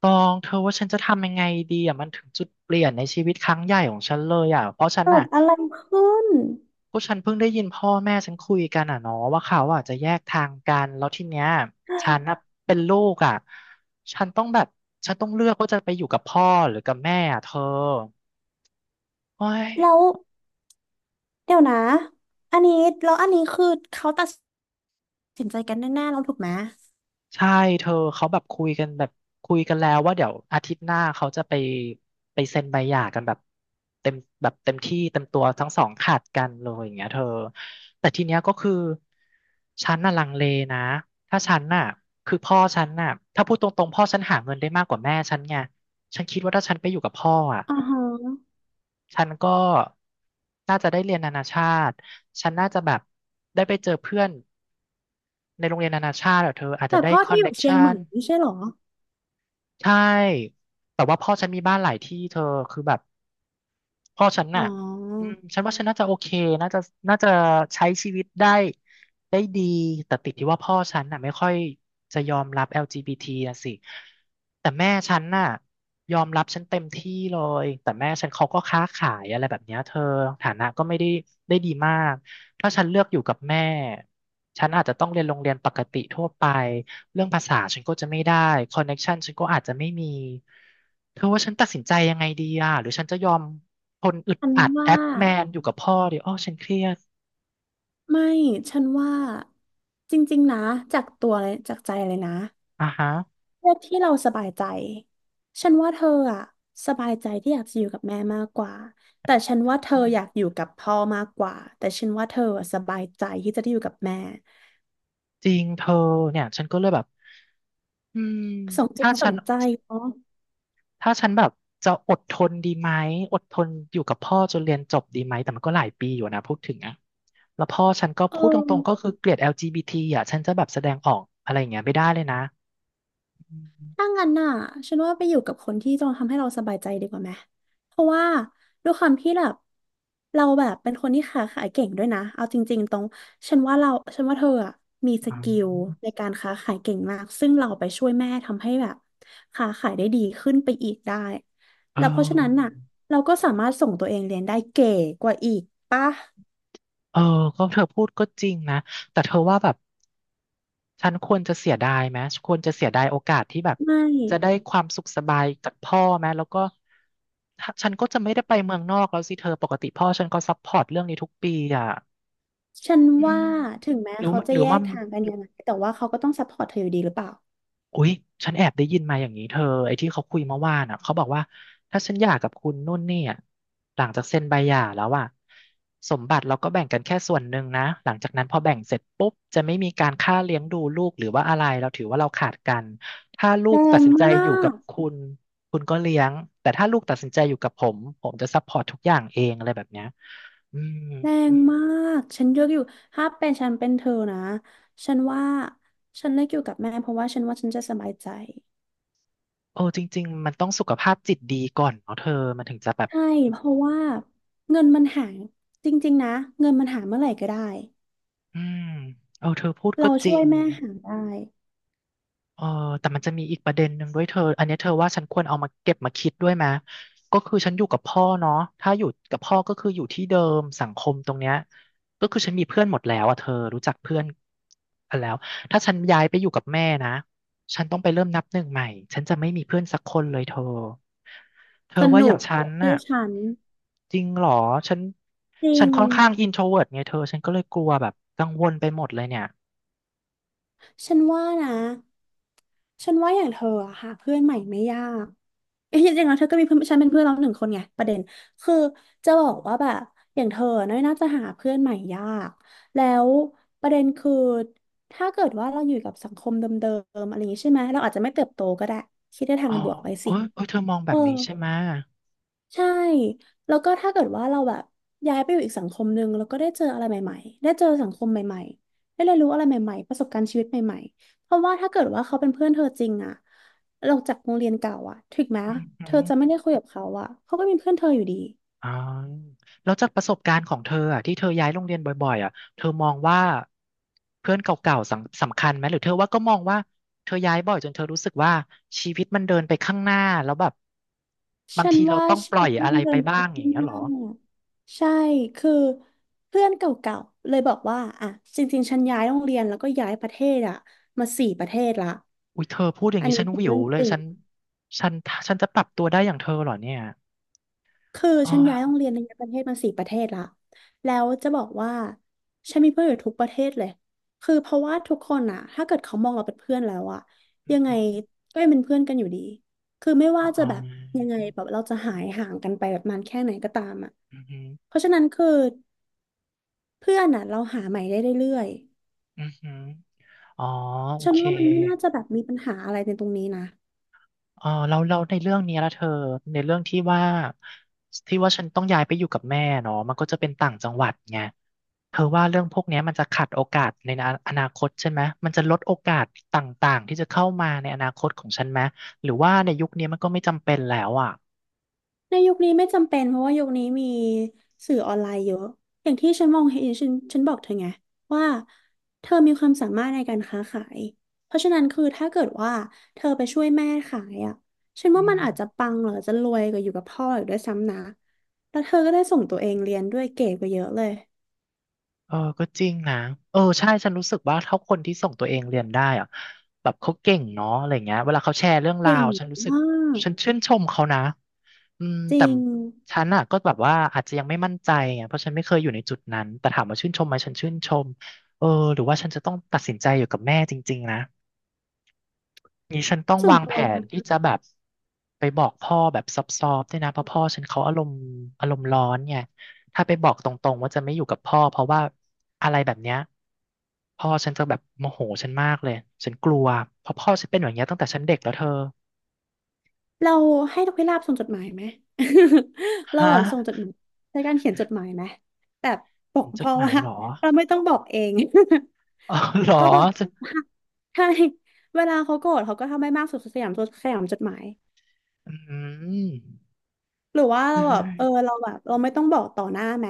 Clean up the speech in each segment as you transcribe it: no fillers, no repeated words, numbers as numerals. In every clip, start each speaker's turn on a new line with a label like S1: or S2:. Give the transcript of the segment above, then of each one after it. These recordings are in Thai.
S1: ตองเธอว่าฉันจะทำยังไงดีอ่ะมันถึงจุดเปลี่ยนในชีวิตครั้งใหญ่ของฉันเลยอ่ะเพราะฉัน
S2: เกิ
S1: น่ะ
S2: ดอะไรขึ้น
S1: ก็ฉันเพิ่งได้ยินพ่อแม่ฉันคุยกันอ่ะเนาะว่าเขาอ่ะจะแยกทางกันแล้วทีเนี้ยฉันน่ะเป็นลูกอ่ะฉันต้องแบบฉันต้องเลือกว่าจะไปอยู่กับพ่อหรือกับแม่อ่ะเธอโอ้ย
S2: แล้วเดี๋ยวนะอันนี้แล้วอันนี้คือเขาตัดสินใจกันแน่ๆแล้วถูกไหม
S1: ใช่เธอเขาแบบคุยกันแบบคุยกันแล้วว่าเดี๋ยวอาทิตย์หน้าเขาจะไปไปเซ็นใบหย่ากันแบบเต็มแบบเต็มที่เต็มตัวทั้งสองขาดกันเลยอย่างเงี้ยเธอแต่ทีเนี้ยก็คือฉันน่ะลังเลนะถ้าฉันน่ะคือพ่อฉันน่ะถ้าพูดตรงๆพ่อฉันหาเงินได้มากกว่าแม่ฉันไงฉันคิดว่าถ้าฉันไปอยู่กับพ่ออ่ะ
S2: อ่าฮะ
S1: ฉันก็น่าจะได้เรียนนานาชาติฉันน่าจะแบบได้ไปเจอเพื่อนในโรงเรียนนานาชาติอะเธออาจจะ
S2: แต่
S1: ได้
S2: พ่อ
S1: คอ
S2: ที่
S1: น
S2: อ
S1: เน็
S2: ยู่
S1: ก
S2: เชียง
S1: ชั
S2: ใหม่
S1: น
S2: ไม่ใช่เหรอ
S1: ใช่แต่ว่าพ่อฉันมีบ้านหลายที่เธอคือแบบพ่อฉัน
S2: อ๋
S1: น่ะ
S2: อ
S1: ฉันว่าฉันน่าจะโอเคน่าจะน่าจะใช้ชีวิตได้ได้ดีแต่ติดที่ว่าพ่อฉันน่ะไม่ค่อยจะยอมรับ LGBT นะสิแต่แม่ฉันน่ะยอมรับฉันเต็มที่เลย แต่แม่ฉันเขาก็ค้าขายอะไรแบบเนี้ยเธอ ฐานะก็ไม่ได้ได้ดีมาก ถ้าฉันเลือกอยู่กับแม่ ฉันอาจจะต้องเรียนโรงเรียนปกติทั่วไป เรื่องภาษาฉันก็จะไม่ได้คอนเน็กชันฉันก็อาจจะไม่มีเธอว่าฉันตัดสินใจยังไงดีอ่ะหรือฉันจะยอมทนอึด
S2: ฉัน
S1: อัด
S2: ว่า
S1: แอปแมนอยู่กับพ่อดีอ้อฉันเครียด
S2: ไม่ฉันว่าจริงๆนะจากตัวเลยจากใจเลยนะ
S1: อ่ะฮะ
S2: เลือกที่เราสบายใจฉันว่าเธออะสบายใจที่อยากจะอยู่กับแม่มากกว่าแต่ฉันว่าเธอ
S1: อืม
S2: อยากอยู่กับพ่อมากกว่าแต่ฉันว่าเธออะสบายใจที่จะได้อยู่กับแม่
S1: จริงเธอเนี่ยฉันก็เลยแบบอืม
S2: สมจิต
S1: ถ้า
S2: ส
S1: ฉั
S2: ม
S1: น
S2: ใจเนาะ
S1: แบบจะอดทนดีไหมอดทนอยู่กับพ่อจนเรียนจบดีไหมแต่มันก็หลายปีอยู่นะพูดถึงอะแล้วพ่อฉันก็
S2: เอ
S1: พูดต
S2: อ
S1: รงๆก็คือเกลียด LGBT อลจีบีทีอ่ะฉันจะแบบแสดงออกอะไรอย่างเงี้ยไม่ได้เลยนะอืมอ
S2: ถ้างั้นน่ะฉันว่าไปอยู่กับคนที่จะทำให้เราสบายใจดีกว่าไหมเพราะว่าด้วยความที่แบบเราแบบเป็นคนที่ค้าขายเก่งด้วยนะเอาจริงๆตรงฉันว่าเราฉันว่าเธออะมีส
S1: า
S2: กิลในการค้าขายเก่งมากซึ่งเราไปช่วยแม่ทำให้แบบค้าขายได้ดีขึ้นไปอีกได้
S1: เออ
S2: แล้วเพราะฉะนั้นน่ะเราก็สามารถส่งตัวเองเรียนได้เก๋กว่าอีกปะ
S1: เออก็เธอพูดก็จริงนะ แต่เธอว่าแบบฉันควรจะเสียดายไหมควรจะเสียดายโอกาสที่แบบ
S2: ไม่
S1: จะได้ความสุขสบายจากพ่อไหมแล้วก็ถ้าฉันก็จะไม่ได้ไปเมืองนอกแล้วสิเธอปกติพ่อฉันก็ซัพพอร์ตเรื่องนี้ทุกปีอ่ะ
S2: ฉัน
S1: อืม
S2: ว่าถึงแม้
S1: หรือ
S2: เขาจะแย
S1: ว่า
S2: กทางกันยังไงแต่ว่าเขาก็ต้องซัพพอร์ตเธออยู่ดีหรือเปล่า
S1: อุ๊ยฉันแอบได้ยินมาอย่างนี้เธอไอ้ที่เขาคุยเมื่อวานอ่ะเขาบอกว่าถ้าฉันหย่ากับคุณนุ่นเนี่ยหลังจากเซ็นใบหย่าแล้วอ่ะสมบัติเราก็แบ่งกันแค่ส่วนหนึ่งนะหลังจากนั้นพอแบ่งเสร็จปุ๊บจะไม่มีการค่าเลี้ยงดูลูกหรือว่าอะไรเราถือว่าเราขาดกันถ้าลู
S2: แร
S1: กตัด
S2: ง
S1: สินใจ
S2: มา
S1: อยู่กับ
S2: ก
S1: คุณคุณก็เลี้ยงแต่ถ้าลูกตัดสินใจอยู่กับผมผมจะซัพพอร์ตทุกอย่างเองอะไรแบบเนี้ยอืม
S2: แรงมากฉันเลือกอยู่ถ้าเป็นฉันเป็นเธอนะฉันว่าฉันเลือกอยู่กับแม่เพราะว่าฉันว่าฉันจะสบายใจ
S1: โอ้จริงๆมันต้องสุขภาพจิตดีก่อนเนาะเธอมันถึงจะแบบ
S2: ใช่เพราะว่าเงินมันหาจริงๆนะเงินมันหาเมื่อไหร่ก็ได้
S1: อืมเออเธอพูดก็
S2: เรา
S1: จริ
S2: ช่วย
S1: ง
S2: แม่หาได้
S1: เออแต่มันจะมีอีกประเด็นหนึ่งด้วยเธออันเนี้ยเธอว่าฉันควรเอามาเก็บมาคิดด้วยไหมก็คือฉันอยู่กับพ่อเนาะถ้าอยู่กับพ่อก็คืออยู่ที่เดิมสังคมตรงเนี้ย ก็คือฉันมีเพื่อนหมดแล้วอ่ะเธอรู้จักเพื่อนกันแล้วถ้าฉันย้ายไปอยู่กับแม่นะ ฉันต้องไปเริ่มนับหนึ่งใหม่ฉันจะไม่มีเพื่อนสักคนเลยเธอ เธ
S2: ส
S1: อว่าอ
S2: นุ
S1: ย่าง
S2: ก
S1: ฉัน
S2: เชื่อ
S1: น่ะ
S2: ฉัน
S1: จริงเหรอฉัน
S2: จริง
S1: ค่อนข้างอินโทรเวิร์ตไงเธอฉันก็เลยกลัวแบบกังวลไปหมดเลยเนี่ย
S2: ฉันว่านะฉันว่าอย่างเธออะหาเพื่อนใหม่ไม่ยาก เอ้ยจริงๆแล้วเธอก็มีเพื่อนฉันเป็นเพื่อนเราหนึ่งคนไงประเด็นคือจะบอกว่าแบบอย่างเธอน่ยน่าจะหาเพื่อนใหม่ยากแล้วประเด็นคือถ้าเกิดว่าเราอยู่กับสังคมเดิมๆอะไรอย่างนี้ใช่ไหมเราอาจจะไม่เติบโตก็ได้คิดในทา
S1: อ๋
S2: ง
S1: อ
S2: บวกไว้สิ
S1: โอ้ยเธอมองแบ
S2: เออ
S1: บนี้ใช่ไหม
S2: ใช่แล้วก็ถ้าเกิดว่าเราแบบย้ายไปอยู่อีกสังคมหนึ่งแล้วก็ได้เจออะไรใหม่ๆได้เจอสังคมใหม่ๆได้เรียนรู้อะไรใหม่ๆประสบการณ์ชีวิตใหม่ๆ เพราะว่าถ้าเกิดว่าเขาเป็นเพื่อนเธอจริงอะเราจากโรงเรียนเก่าอะถึงแม้
S1: อืมอหื
S2: เธอจะไม่
S1: อ
S2: ได้คุยกับเขาอะเขาก็เป็นเพื่อนเธออยู่ดี
S1: อ๋อแล้วจากประสบการณ์ของเธออ่ะที่เธอย้ายโรงเรียนบ่อยๆอ่ะเธอมองว่าเพื่อนเก่าๆสำคัญไหมหรือเธอว่าก็มองว่าเธอย้ายบ่อยจนเธอรู้สึกว่าชีวิตมันเดินไปข้างหน้าแล้วแบบบาง
S2: ฉัน
S1: ทีเรา
S2: ว่า
S1: ต้องป
S2: ชี
S1: ล่
S2: วิ
S1: อย
S2: ตมั
S1: อะ
S2: น
S1: ไร
S2: เดิ
S1: ไป
S2: นไป
S1: บ้างอย่า
S2: ข้า
S1: ง
S2: ง
S1: เงี้ย
S2: ห
S1: เหร
S2: น้า
S1: อ
S2: ใช่ คือเพื่อนเก่าๆเลยบอกว่าอ่ะจริงๆฉันย้ายโรงเรียนแล้วก็ย้ายประเทศอะมาสี่ประเทศละ
S1: อุ้ยเธอพูดอย่าง
S2: อัน
S1: นี้
S2: นี้
S1: ฉัน
S2: คือ
S1: วิว
S2: เรื่อง
S1: เล
S2: จ
S1: ย
S2: ริง
S1: ฉันฉันฉันจะปรับตัวได้อย่างเธอเหรอเนี่ย
S2: คือ
S1: อ๋
S2: ฉันย้ายโรง
S1: อ
S2: เรียนในประเทศมาสี่ประเทศละแล้วจะบอกว่าฉันมีเพื่อนอยู่ทุกประเทศเลย คือเพราะว่าทุกคนอะถ้าเกิดเขามองเราเป็นเพื่อนแล้วอะยังไงก็ยังเป็นเพื่อนกันอยู่ดี คือไม่ว่าจะ
S1: อ๋
S2: แบบยังไง
S1: อ
S2: แบบเราจะหายห่างกันไปแบบนานแค่ไหนก็ตามอะ
S1: อือหือ
S2: เพราะฉะนั้นคือเพื่อนอะเราหาใหม่ได้เรื่อย
S1: อือหืออ๋อ
S2: ๆ
S1: โอ
S2: ฉัน
S1: เค
S2: ว่ามันไม่น่าจะแบบมีปัญหาอะไรในตรงนี้นะ
S1: เออเราในเรื่องเนี้ยละเธอในเรื่องที่ว่าฉันต้องย้ายไปอยู่กับแม่เนาะมันก็จะเป็นต่างจังหวัดไงเธอว่าเรื่องพวกเนี้ยมันจะขัดโอกาสในอนาคตใช่ไหมมันจะลดโอกาสต่างๆที่จะเข้ามาในอนาคตของฉันไหมหรือว่าในยุคนี้มันก็ไม่จำเป็นแล้วอ่ะ
S2: ในยุคนี้ไม่จำเป็นเพราะว่ายุคนี้มีสื่อออนไลน์เยอะอย่างที่ฉันมองเห็นฉันบอกเธอไงว่าเธอมีความสามารถในการค้าขายเพราะฉะนั้นคือถ้าเกิดว่าเธอไปช่วยแม่ขายอ่ะฉัน
S1: อื
S2: ว่ามั
S1: ม
S2: นอาจจะปังหรือจะรวยกว่าอยู่กับพ่ออีกด้วยซ้ำนะแล้วเธอก็ได้ส่งตัวเองเรียนด้วยเก่งกว่าเยอะเลย
S1: เออก็จริงนะเออใช่ฉันรู้สึกว่าถ้าคนที่ส่งตัวเองเรียนได้อะแบบเขาเก่งเนาะอะไรเงี้ยเวลาเขาแชร์เรื่องรา
S2: เก่ง
S1: วฉันรู้สึก
S2: มา
S1: ฉัน
S2: ก
S1: ชื่นชมเขานะอืม
S2: จ
S1: แต่
S2: ริง
S1: ฉันอ่ะก็แบบว่าอาจจะยังไม่มั่นใจไงเพราะฉันไม่เคยอยู่ในจุดนั้นแต่ถามว่าชื่นชมไหมฉันชื่นชมเออหรือว่าฉันจะต้องตัดสินใจอยู่กับแม่จริงๆนะ นี้ฉันต้อง
S2: ส่วน
S1: วาง
S2: ตั
S1: แผ
S2: ว
S1: น
S2: นะ
S1: ที่จะแบบไปบอกพ่อแบบซอฟๆด้วยนะเพราะพ่อฉันเขาอารมณ์อารมณ์ร้อนไงถ้าไปบอกตรงๆว่าจะไม่อยู่กับพ่อเพราะว่าอะไรแบบเนี้ยพ่อฉันจะแบบโมโหฉันมากเลยฉันกลัวเพราะพ่อฉันเป็นอย่างเงี้ยตั้งแต่ฉันเด็กแล้วเธอ
S2: เราให้นกพิราบส่งจดหมายไหม เรา
S1: ฮะ
S2: แบบส่งจดหมายใช้การเขียนจดหมายไหมแบบบอ
S1: เห็
S2: ก
S1: นจด
S2: พ่อ
S1: หมา
S2: ว่า
S1: ยเหรอ
S2: เราไม่ต้องบอกเอง
S1: อ๋อเหรอ
S2: ก็แบบ
S1: ฉัน
S2: ใช่เวลาเขาโกรธเขาก็ทำให้มากสุดสยามสุดสยามจดหมาย
S1: อืม
S2: หรือว่า
S1: เฮ้
S2: เราแบบ
S1: ย
S2: เออเราแบบเราไม่ต้องบอกต่อหน้าไหม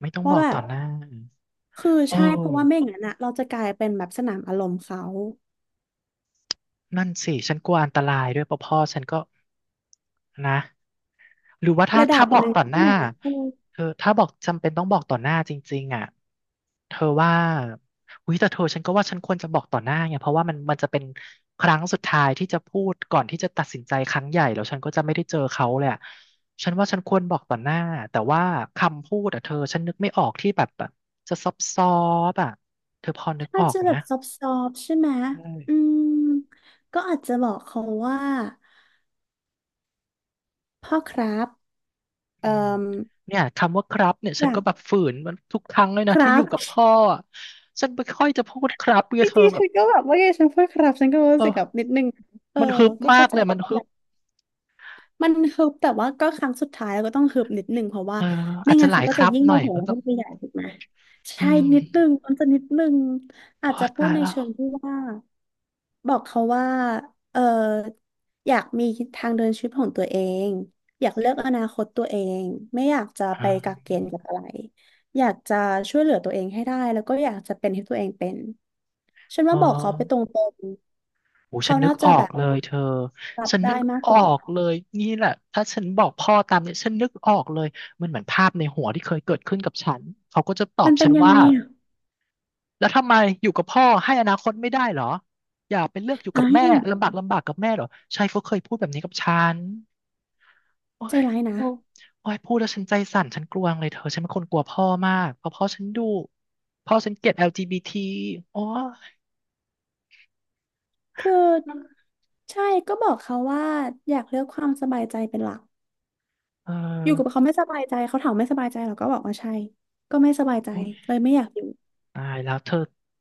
S1: ไม่ต้องบ
S2: ว่า
S1: อก
S2: แบ
S1: ต่อ
S2: บ
S1: หน้า
S2: คือ
S1: โอ
S2: ใช่เพราะว่าไม่อ
S1: ้
S2: ย่างนั้นอะเราจะกลายเป็นแบบสนามอารมณ์เขา
S1: นั่นสิฉันกลัวอันตรายด้วยเพราะพ่อฉันก็นะ หรือว่าถ้า
S2: ระดับ
S1: บอ
S2: ห
S1: ก
S2: นึ่ง
S1: ต่อห
S2: ใช่
S1: น้า
S2: ไหมเออ
S1: เธอถ้าบอกจำเป็นต้องบอกต่อหน้าจริงๆอ่ะเธอว่าอุ้ยแต่เธอฉันก็ว่าฉันควรจะบอกต่อหน้าไงเพราะว่ามันจะเป็นครั้งสุดท้ายที่จะพูดก่อนที่จะตัดสินใจครั้งใหญ่แล้วฉันก็จะไม่ได้เจอเขาเลยอะฉันว่าฉันควรบอกต่อหน้าแต่ว่าคำพูดอ่ะเธอฉันนึกไม่ออกที่แบบจะซอบซอบๆอ่ะเธอพอนึก
S2: ถ้า
S1: ออก
S2: จะ
S1: ไหม
S2: แบบซอบๆใช่ไหมอืมก็อาจจะบอกเขาว่า พ่อครับเอ่
S1: อื
S2: อ
S1: มเนี่ยคำว่าครับเนี่ย
S2: อ
S1: ฉัน
S2: ยา
S1: ก็
S2: ก
S1: แบบฝืนมันทุกครั้งเลยนะ
S2: ครั
S1: ที่อยู่
S2: บ
S1: กับพ่ออะฉันไม่ค่อยจะพูดครับเพื่
S2: จ
S1: อเธอ
S2: ริง
S1: แบ
S2: ๆฉั
S1: บ
S2: นก็แบบว่าไงฉันพูดครับฉันก็
S1: เอ
S2: รู้สึ
S1: อ
S2: กแบบนิดนึงเออ
S1: มันฮึบ
S2: ก็
S1: มา
S2: เข้า
S1: ก
S2: ใจ
S1: เลย
S2: ได้
S1: มันฮึ
S2: แบ
S1: บ
S2: บมันฮึบแต่ว่าก็ครั้งสุดท้ายเราก็ต้องฮึบนิดนึงเพราะว่า
S1: เออ
S2: ไม่
S1: อาจจะ
S2: งั้น
S1: หลา
S2: เขา
S1: ย
S2: ก็
S1: ค
S2: จะ
S1: รับ
S2: ยิ่ง
S1: ห
S2: โม
S1: น่อย
S2: โห
S1: ก็ต้อ
S2: ขึ้
S1: ง
S2: นไปใหญ่ถูกไหม
S1: อื
S2: ใช่
S1: ม
S2: นิดนึงมันจะนิดนึงอา
S1: โอ้
S2: จจะพู
S1: ตา
S2: ด
S1: ย
S2: ใน
S1: แล้ว
S2: เชิงที่ว่า บอกเขาว่าเอออยากมีทางเดินชีวิตของตัวเองอยากเลือกอนาคตตัวเองไม่อยากจะ
S1: อ
S2: ไปกักเก
S1: ่า
S2: ณฑ์กับอะไรอยากจะช่วยเหลือตัวเองให้ได้แล้วก็อยากจะเป็นที่ตัวเองเป็นฉัน
S1: อ๋
S2: ว่า
S1: อ
S2: บอกเขาไปตรง
S1: โอ
S2: ๆเขา
S1: ฉันนึก
S2: น่าจะ
S1: ออ
S2: แบ
S1: ก
S2: บ
S1: เลยเธอ
S2: รับ
S1: ฉันนึ
S2: ได้
S1: ก
S2: มาก
S1: อ
S2: ก
S1: อ
S2: ว่า
S1: ก
S2: นะ
S1: เลยนี่แหละถ้าฉันบอกพ่อตามเนี่ยฉันนึกออกเลยมันเหมือนภาพในหัวที่เคยเกิดขึ้นกับฉันเขาก็จะตอ
S2: มั
S1: บ
S2: นเป็
S1: ฉั
S2: น
S1: น
S2: ยัง
S1: ว่า
S2: ไงอ่ะ
S1: แล้วทำไมอยู่กับพ่อให้อนาคตไม่ได้เหรออย่าไปเลือกอยู่กั
S2: อ้า
S1: บแม่
S2: ย
S1: ลำบากลำบากกับแม่เหรอชายเขาเคยพูดแบบนี้กับฉันโอ้
S2: ใจ
S1: ย
S2: ร้ายนะ
S1: โอ้ยโอ้ยพูดแล้วฉันใจสั่นฉันกลัวงเลยเธอฉันเป็นคนกลัวพ่อมากเพราะพ่อฉันดุพ่อฉันเกลียด LGBT โอ้ย
S2: คือใช่ก็บอกเขาว่าอยากเลือกความสบายใจเป็นหลัก
S1: เออ
S2: อยู่กับเขาไม่สบายใจเขาถามไม่สบายใจเราก็บอกว่าใช่ก็ไม่สบายใจ
S1: โอ้ย
S2: เลยไม่อยากอยู่
S1: ตายแล้วเธอ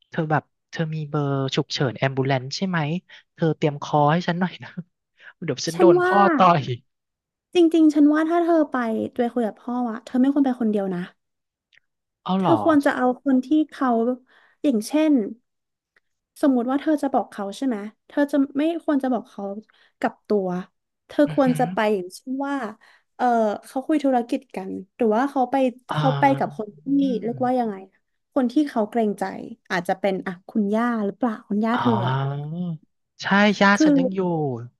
S1: เธอแบบเธอมีเบอร์ฉุกเฉินแอมบูเลนซ์ใช่ไหมเธอเตรียมคอให้ฉันหน่อยนะ เดี๋ยวฉัน
S2: ฉั
S1: โด
S2: น
S1: น
S2: ว่า
S1: พ่อต่อย
S2: จริงๆฉันว่าถ้าเธอไปคุยกับพ่ออะเธอไม่ควรไปคนเดียวนะ
S1: เอา
S2: เธ
S1: เหร
S2: อ
S1: อ
S2: ควรจะเอาคนที่เขาอย่างเช่นสมมุติว่าเธอจะบอกเขาใช่ไหมเธอจะไม่ควรจะบอกเขากับตัวเธอ
S1: อื
S2: ค
S1: อ
S2: วร
S1: หือ
S2: จะไปอย่างเช่นว่าเออเขาคุยธุรกิจกันหรือว่าเขาไป
S1: อ่
S2: เขาไปกับค
S1: า
S2: นที่เรียกว่ายังไงคนที่เขาเกรงใจอาจจะเป็นอ่ะคุณย่าหรือเปล่าคุณย่า
S1: อ๋
S2: เธออะ
S1: อใช่ย่า
S2: คือ
S1: ฉันยังอยู่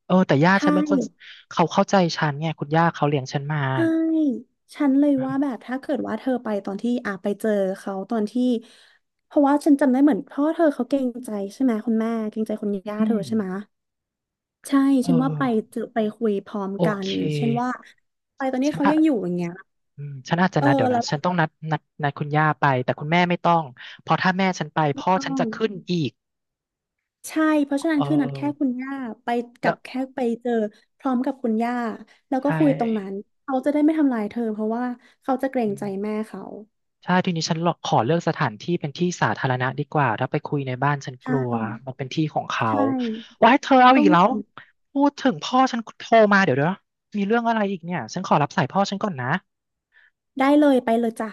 S1: เออแต่ย่า
S2: ใช่
S1: ฉันเป็นคนเขาเข้าใจฉันไงคุณย่าเขาเลี้ยงฉันมา
S2: ใช่ฉันเลยว่าแบบถ้าเกิดว่าเธอไปตอนที่อ่ะไปเจอเขาตอนที่เพราะว่าฉันจำได้เหมือนพ่อเธอเขาเกรงใจใช่ไหมคุณแม่เกรงใจคุณย่า
S1: อื
S2: เธ
S1: ม
S2: อใช่ไหมใช่
S1: เออ
S2: ฉันว่าไปเจอไปคุยพร้อม
S1: โอ
S2: กัน
S1: เค
S2: อย่างเช่นว่าไปตอนนี้
S1: ฉัน
S2: เขา
S1: อะ
S2: ยังอยู่อย่างเงี้ย
S1: อืมฉันอาจจะ
S2: เออ
S1: นัดเดี๋ยว
S2: แล้
S1: นะ
S2: วก็
S1: ฉันต้องนัดนัดคุณย่าไปแต่คุณแม่ไม่ต้องเพราะถ้าแม่ฉันไปพ่อ
S2: ต้อ
S1: ฉัน
S2: ง
S1: จะขึ้นอีก
S2: ใช่เพราะฉะนั้
S1: เอ
S2: นคือนัดแค่คุณ
S1: อ
S2: ย่าไปกั
S1: แล้
S2: บ
S1: ว
S2: แค่ไปเจอพร้อมกับคุณย่าแล้วก็
S1: ใช่
S2: คุยตรงนั้นเขาจะได้ไม่ทำรายเธอเพราะว่าเขาจะเกรงใจแม่เขา
S1: ใช่ทีนี้ฉันขอเลือกสถานที่เป็นที่สาธารณะดีกว่าถ้าไปคุยในบ้านฉันกลัว
S2: ใช่
S1: มันเป็นที่ของเขา
S2: ใช่
S1: ว้ายเธอเอา
S2: ต้
S1: อี
S2: อ
S1: ก
S2: ง
S1: แล้วพูดถึงพ่อฉันโทรมาเดี๋ยวมีเรื่องอะไรอีกเนี่ยฉันขอรับสายพ่อฉันก่อนนะ
S2: ได้เลยไปเลยจ้ะ